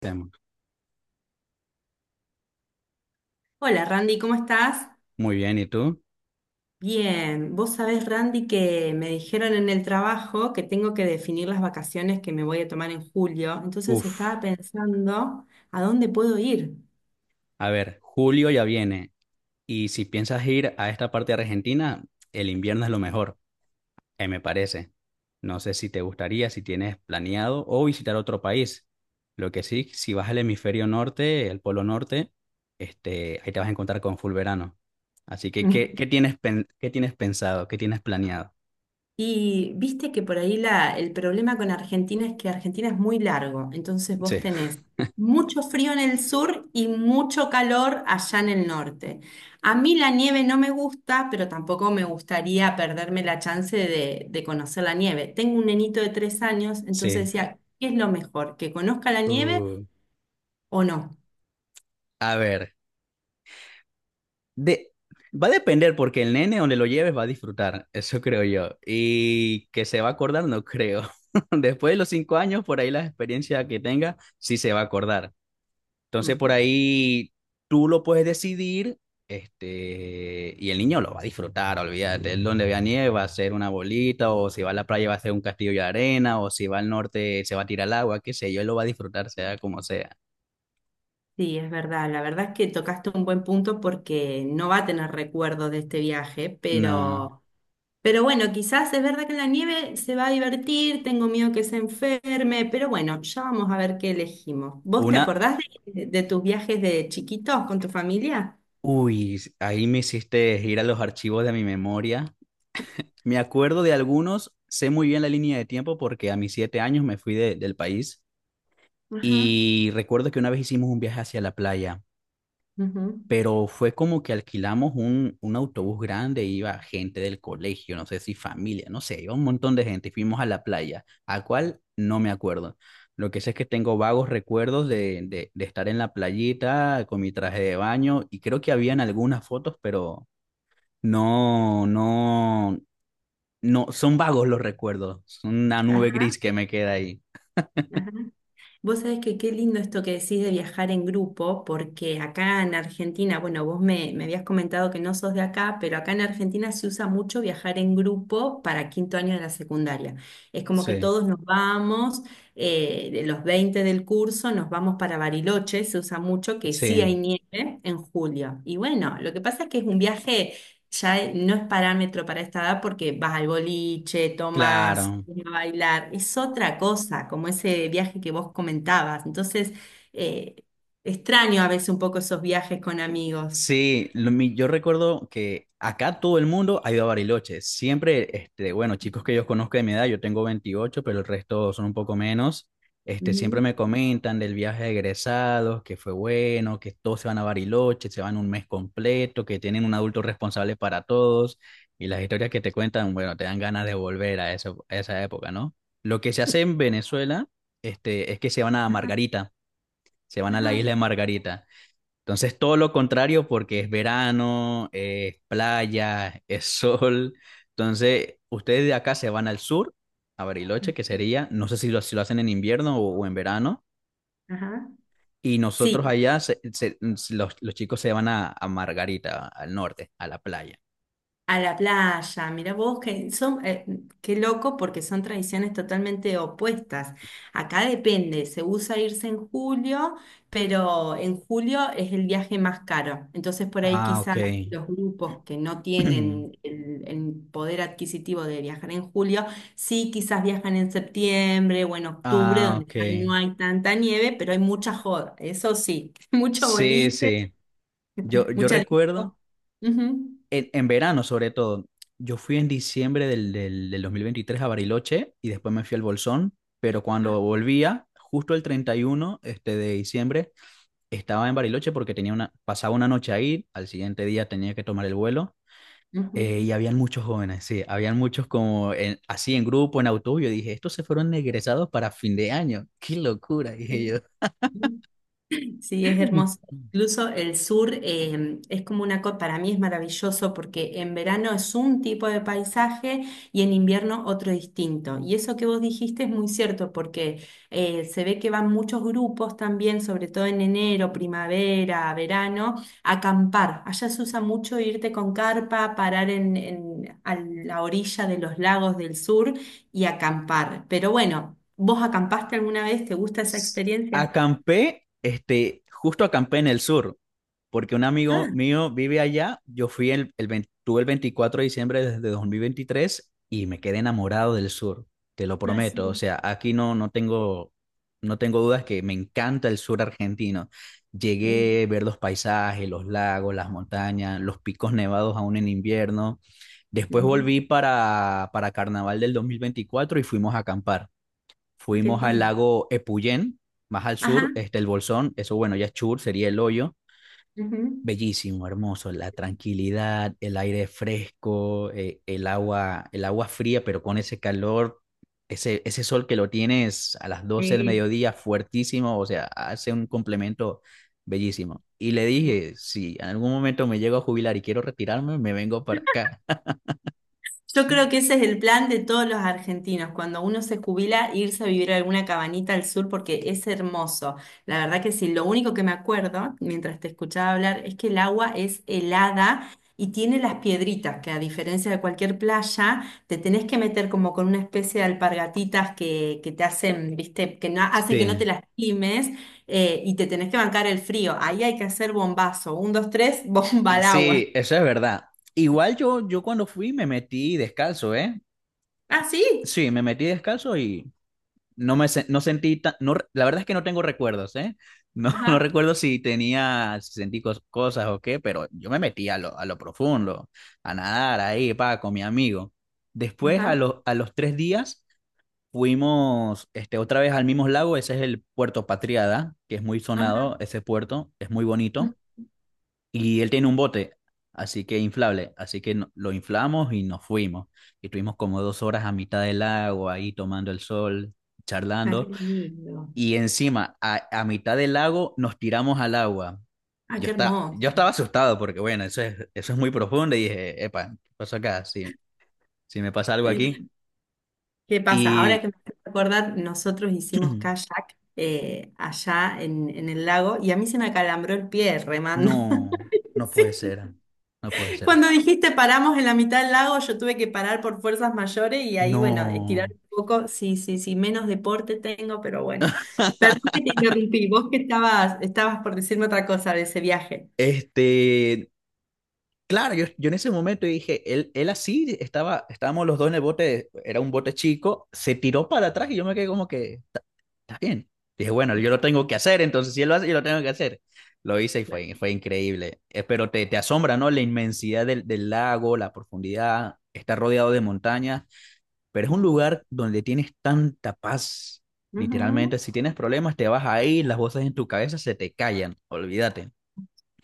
Tema. Hola Randy, ¿cómo estás? Muy bien, ¿y tú? Bien, vos sabés Randy que me dijeron en el trabajo que tengo que definir las vacaciones que me voy a tomar en julio, entonces estaba Uf, pensando a dónde puedo ir. a ver, julio ya viene y si piensas ir a esta parte de Argentina, el invierno es lo mejor, me parece. No sé si te gustaría, si tienes planeado o visitar otro país. Lo que sí, si vas al hemisferio norte, el polo norte, ahí te vas a encontrar con full verano. Así que, ¿qué, qué tienes, pen- qué tienes pensado? ¿Qué tienes planeado? Y viste que por ahí el problema con Argentina es que Argentina es muy largo, entonces vos Sí, tenés mucho frío en el sur y mucho calor allá en el norte. A mí la nieve no me gusta, pero tampoco me gustaría perderme la chance de conocer la nieve. Tengo un nenito de 3 años, entonces sí. decía, ¿qué es lo mejor? ¿Que conozca la nieve Uh, o no? a ver. De, Va a depender porque el nene donde lo lleves va a disfrutar, eso creo yo. Y que se va a acordar, no creo. Después de los cinco años, por ahí la experiencia que tenga, sí se va a acordar. Entonces, por Ujú. ahí tú lo puedes decidir, y el niño lo va a disfrutar, olvídate. Él donde vea nieve va a ser una bolita, o si va a la playa va a ser un castillo de arena, o si va al norte se va a tirar al agua, qué sé yo, él lo va a disfrutar, sea como sea. Sí, es verdad. La verdad es que tocaste un buen punto porque no va a tener recuerdo de este viaje, No. pero... Pero bueno, quizás es verdad que en la nieve se va a divertir, tengo miedo que se enferme, pero bueno, ya vamos a ver qué elegimos. ¿Vos te Una, acordás de tus viajes de chiquitos con tu familia? uy, ahí me hiciste ir a los archivos de mi memoria. Me acuerdo de algunos, sé muy bien la línea de tiempo porque a mis siete años me fui del país Ajá. y recuerdo que una vez hicimos un viaje hacia la playa, Ujú. pero fue como que alquilamos un autobús grande, iba gente del colegio, no sé si familia, no sé, iba un montón de gente y fuimos a la playa, a cual no me acuerdo. Lo que sé es que tengo vagos recuerdos de estar en la playita con mi traje de baño y creo que habían algunas fotos, pero… No, no, no, son vagos los recuerdos, son una nube Ajá, gris que me queda ahí. ajá. Vos sabés que qué lindo esto que decís de viajar en grupo, porque acá en Argentina, bueno, vos me habías comentado que no sos de acá, pero acá en Argentina se usa mucho viajar en grupo para quinto año de la secundaria. Es como que Sí, todos nos vamos, de los 20 del curso, nos vamos para Bariloche, se usa mucho, que sí hay sí, nieve en julio. Y bueno, lo que pasa es que es un viaje ya no es parámetro para esta edad porque vas al boliche, tomas, claro. vas a bailar, es otra cosa, como ese viaje que vos comentabas. Entonces, eh, extraño a veces un poco esos viajes con amigos. Sí, yo recuerdo que acá todo el mundo ha ido a Bariloche. Siempre, bueno, chicos que yo conozco de mi edad, yo tengo 28, pero el resto son un poco menos. Ujú. Siempre me comentan del viaje de egresados, que fue bueno, que todos se van a Bariloche, se van un mes completo, que tienen un adulto responsable para todos. Y las historias que te cuentan, bueno, te dan ganas de volver a a esa época, ¿no? Lo que se hace en Venezuela, es que se van a Ajá, Margarita, se van a la ajá, isla de Margarita. Entonces, todo lo contrario porque es verano, es playa, es sol. Entonces, ustedes de acá se van al sur, a Bariloche, que sería, no sé si lo hacen en invierno o en verano, ajá. y Sí, nosotros allá, los chicos se van a Margarita, al norte, a la playa. a la playa, mira vos, que qué loco porque son tradiciones totalmente opuestas. Acá depende, se usa irse en julio, pero en julio es el viaje más caro. Entonces por ahí Ah, ok. quizás los grupos que no tienen el poder adquisitivo de viajar en julio, sí quizás viajan en septiembre o en octubre, Ah, donde ya no ok. hay tanta nieve, pero hay mucha joda, eso sí, mucho Sí, boliche, sí. Yo mucha recuerdo. disco. Ujú. En verano sobre todo. Yo fui en diciembre del 2023 a Bariloche y después me fui al Bolsón, pero Ah, cuando volvía, justo el 31 de diciembre, estaba en Bariloche porque tenía una, pasaba una noche ahí, al siguiente día tenía que tomar el vuelo. ujú. Y habían muchos jóvenes, sí, habían muchos como así en grupo, en autobús. Yo dije, estos se fueron egresados para fin de año, qué locura, dije Sí. yo. Sí, es hermoso. Incluso el sur es como una cosa, para mí es maravilloso porque en verano es un tipo de paisaje y en invierno otro distinto. Y eso que vos dijiste es muy cierto porque se ve que van muchos grupos también, sobre todo en enero, primavera, verano, a acampar. Allá se usa mucho irte con carpa, parar a la orilla de los lagos del sur y acampar. Pero bueno, ¿vos acampaste alguna vez? ¿Te gusta esa experiencia? Acampé, justo acampé en el sur, porque un amigo mío vive allá. Yo fui el, el 20 tuve el 24 de diciembre desde 2023 y me quedé enamorado del sur, te lo Ah, prometo. O sí. sea, aquí no tengo, no tengo dudas que me encanta el sur argentino. Sí. Llegué a ver los paisajes, los lagos, las montañas, los picos nevados aún en invierno. Después Ujú. volví para Carnaval del 2024 y fuimos a acampar. Ah, qué Fuimos al lindo. lago Epuyén, más al Ajá. sur, el Bolsón, eso bueno, ya es Chur, sería el hoyo. Ujú. Bellísimo, hermoso, la tranquilidad, el aire fresco, el agua fría, pero con ese calor, ese sol que lo tienes a las doce del Sí. mediodía, fuertísimo, o sea, hace un complemento bellísimo. Y le dije, si en algún momento me llego a jubilar y quiero retirarme, me vengo para acá. Yo creo que ese es el plan de todos los argentinos, cuando uno se jubila, irse a vivir a alguna cabanita al sur porque es hermoso. La verdad que sí, lo único que me acuerdo mientras te escuchaba hablar es que el agua es helada y tiene las piedritas, que a diferencia de cualquier playa, te tenés que meter como con una especie de alpargatitas que te hacen, viste, que no, hacen que no te Sí, lastimes, y te tenés que bancar el frío. Ahí hay que hacer bombazo, un, dos, tres, bomba y al agua. sí, eso es verdad. Igual yo cuando fui me metí descalzo, ¿eh? Ah, sí. Sí, me metí descalzo y no me se- no sentí ta- no, re- la verdad es que no tengo recuerdos, ¿eh? No, no Ajá, recuerdo si tenía, si sentí cos- cosas o qué, pero yo me metí a lo profundo, a nadar ahí, pa, con mi amigo. Después, ajá, a los tres días, fuimos otra vez al mismo lago, ese es el Puerto Patriada, que es muy ajá. sonado, ese puerto, es muy bonito. Y él tiene un bote, así que inflable, así que no- lo inflamos y nos fuimos. Y estuvimos como dos horas a mitad del lago, ahí tomando el sol, Ah, qué charlando. lindo. Y encima, a mitad del lago, nos tiramos al agua. Ah, qué hermoso. Yo estaba asustado porque, bueno, eso es muy profundo. Y dije, epa, ¿qué pasó acá? Si, si me pasa algo aquí. Sí. ¿Qué pasa? Ahora Y que me haces acordar, nosotros hicimos kayak allá en el lago y a mí se me acalambró el pie remando. no, no puede Sí. ser, no puede ser. Cuando dijiste paramos en la mitad del lago, yo tuve que parar por fuerzas mayores y ahí, bueno, estirar No. un poco. Sí, sí, sí, menos deporte tengo, pero bueno. Perdón que te interrumpí. Vos que estabas por decirme otra cosa de ese viaje. Este, Claro, yo en ese momento dije, estábamos los dos en el bote, era un bote chico, se tiró para atrás y yo me quedé como que, está bien. Dije, bueno, yo lo tengo que hacer, entonces si él lo hace, yo lo tengo que hacer. Lo hice y Claro. fue, fue increíble. Pero te asombra, ¿no? La inmensidad del lago, la profundidad, está rodeado de montañas, pero es un Hermoso. lugar donde tienes tanta paz. Ujú. Literalmente, si tienes problemas, te vas ahí, las voces en tu cabeza se te callan, olvídate.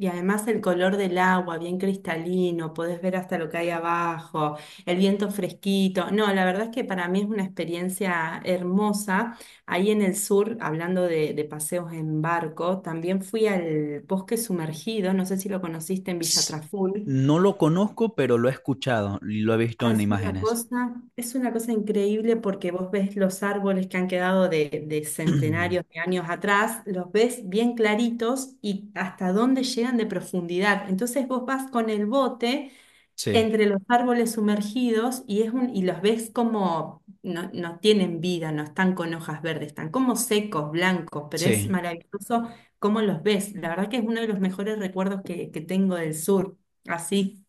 Y además el color del agua, bien cristalino, podés ver hasta lo que hay abajo, el viento fresquito. No, la verdad es que para mí es una experiencia hermosa. Ahí en el sur, hablando de paseos en barco, también fui al bosque sumergido, no sé si lo conociste en Villa S- Traful. No lo conozco, pero lo he escuchado y lo he visto Ah, en es una imágenes. cosa, es una cosa increíble porque vos ves los árboles que han quedado de centenarios de años atrás, los ves bien claritos y hasta dónde llegan de profundidad. Entonces vos vas con el bote Sí, entre los árboles sumergidos y, es un, y los ves como no, no tienen vida, no están con hojas verdes, están como secos, blancos, pero es sí. maravilloso cómo los ves. La verdad que es uno de los mejores recuerdos que tengo del sur, así,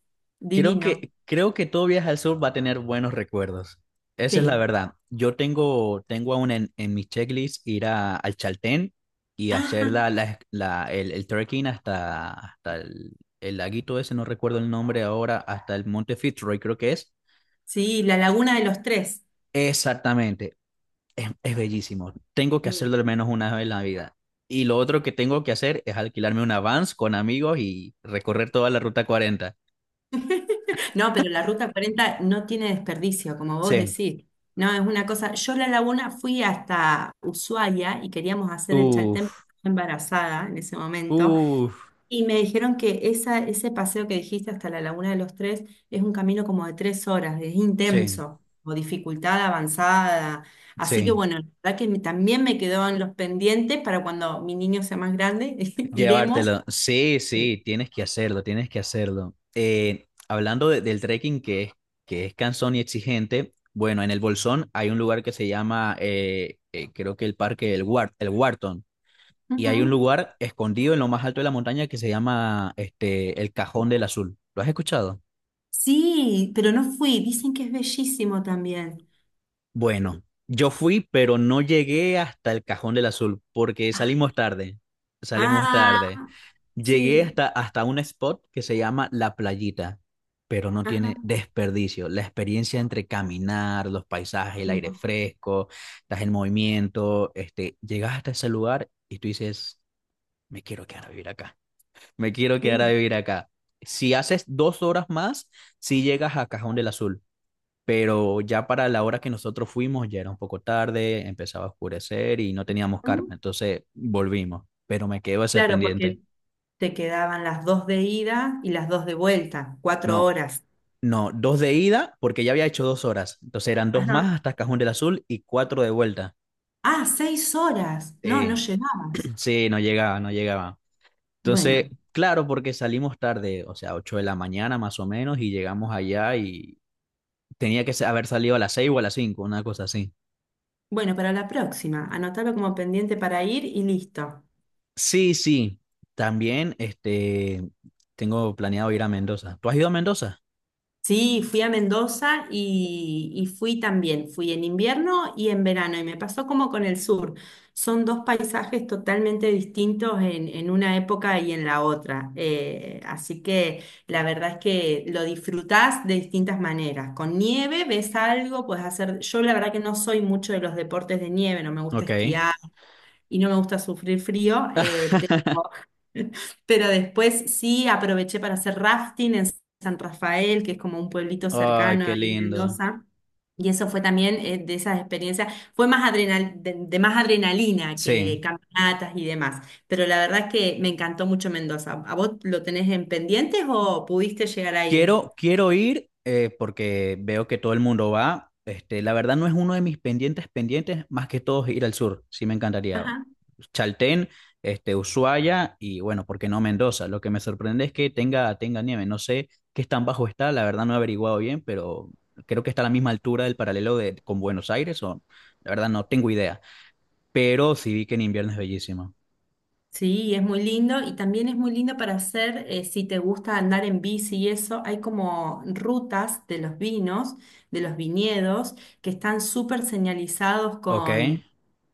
Divino. Creo que todo viaje al sur va a tener buenos recuerdos. Esa es la Sí. verdad. Tengo aún en mi checklist ir al Chaltén y Ajá. hacer el trekking hasta el laguito ese, no recuerdo el nombre ahora, hasta el Monte Fitzroy, creo que es. Sí, la Laguna de los Tres. Exactamente, es bellísimo. Tengo que Sí. hacerlo al menos una vez en la vida. Y lo otro que tengo que hacer es alquilarme una Vans con amigos y recorrer toda la ruta 40. No, pero la Ruta 40 no tiene desperdicio, como vos Sí. decís. No, es una cosa. Yo la Laguna fui hasta Ushuaia y queríamos hacer el Chaltén, pero Uf, estaba embarazada en ese momento, uf. y me dijeron que esa, ese paseo que dijiste hasta la Laguna de los Tres es un camino como de 3 horas, es Sí, intenso, o dificultad avanzada. Así que sí. bueno, la verdad que también me quedó en los pendientes para cuando mi niño sea más grande, iremos. Llevártelo. Sí, Sí. sí, tienes que hacerlo, tienes que hacerlo. Hablando del trekking que es cansón y exigente, bueno, en el Bolsón hay un lugar que se llama, creo que el parque, el Wharton. Y hay un Ujú. lugar escondido en lo más alto de la montaña que se llama el Cajón del Azul. ¿Lo has escuchado? Sí, pero no fui. Dicen que es bellísimo también. Bueno, yo fui, pero no llegué hasta el Cajón del Azul porque Ah, salimos tarde. Salimos ah, tarde. Llegué sí. Hasta un spot que se llama La Playita, pero no tiene Ajá. desperdicio. La experiencia entre caminar, los paisajes, el aire Mm. fresco, estás en movimiento, llegas hasta ese lugar y tú dices, me quiero quedar a vivir acá. Me quiero quedar a Sí. vivir acá. Si haces dos horas más, sí llegas a Cajón del Azul, pero ya para la hora que nosotros fuimos ya era un poco tarde, empezaba a oscurecer y no teníamos carpa, Mm. entonces volvimos, pero me quedo ese Claro, pendiente. porque te quedaban las dos de ida y las dos de vuelta, cuatro No, horas. no, dos de ida porque ya había hecho dos horas, entonces eran dos Ajá. más hasta Cajón del Azul y cuatro de vuelta. Ah, 6 horas. No, no Eh, llegabas. sí, no llegaba, no llegaba. Entonces, Bueno, claro, porque salimos tarde, o sea, 8 de la mañana más o menos, y llegamos allá y tenía que haber salido a las 6 o a las cinco una cosa así. bueno, para la próxima. Anotalo como pendiente para ir y listo. Sí, sí. También, tengo planeado ir a Mendoza. ¿Tú has ido a Mendoza? Sí, fui a Mendoza y fui también, fui en invierno y en verano y me pasó como con el sur. Son dos paisajes totalmente distintos en una época y en la otra. Así que la verdad es que lo disfrutás de distintas maneras. Con nieve ves algo, puedes hacer... Yo la verdad que no soy mucho de los deportes de nieve, no me gusta Ok. esquiar y no me gusta sufrir frío, pero pero después sí aproveché para hacer rafting en San Rafael, que es como un pueblito Ay, cercano qué ahí en lindo. Mendoza. Y eso fue también de esas experiencias, fue más adrenal, de más adrenalina que Sí. caminatas y demás. Pero la verdad es que me encantó mucho Mendoza. ¿A vos lo tenés en pendientes o pudiste llegar a ir? Quiero ir porque veo que todo el mundo va. La verdad no es uno de mis pendientes pendientes, más que todos ir al sur. Sí me encantaría. Chaltén, Ushuaia y bueno, ¿por qué no Mendoza? Lo que me sorprende es que tenga nieve. No sé qué tan bajo está, la verdad no he averiguado bien, pero creo que está a la misma altura del paralelo de, con Buenos Aires o la verdad no tengo idea. Pero sí vi que en invierno es bellísimo. Sí, es muy lindo y también es muy lindo para hacer, si te gusta andar en bici y eso, hay como rutas de los vinos, de los viñedos, que están súper señalizados Ok, con,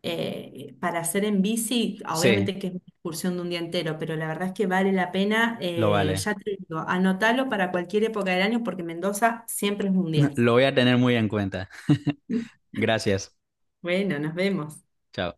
para hacer en bici, sí, obviamente que es una excursión de un día entero, pero la verdad es que vale la pena, lo vale. ya te digo, anotalo para cualquier época del año porque Mendoza siempre es un día. Lo voy a tener muy en cuenta. Gracias. Bueno, nos vemos. Chao.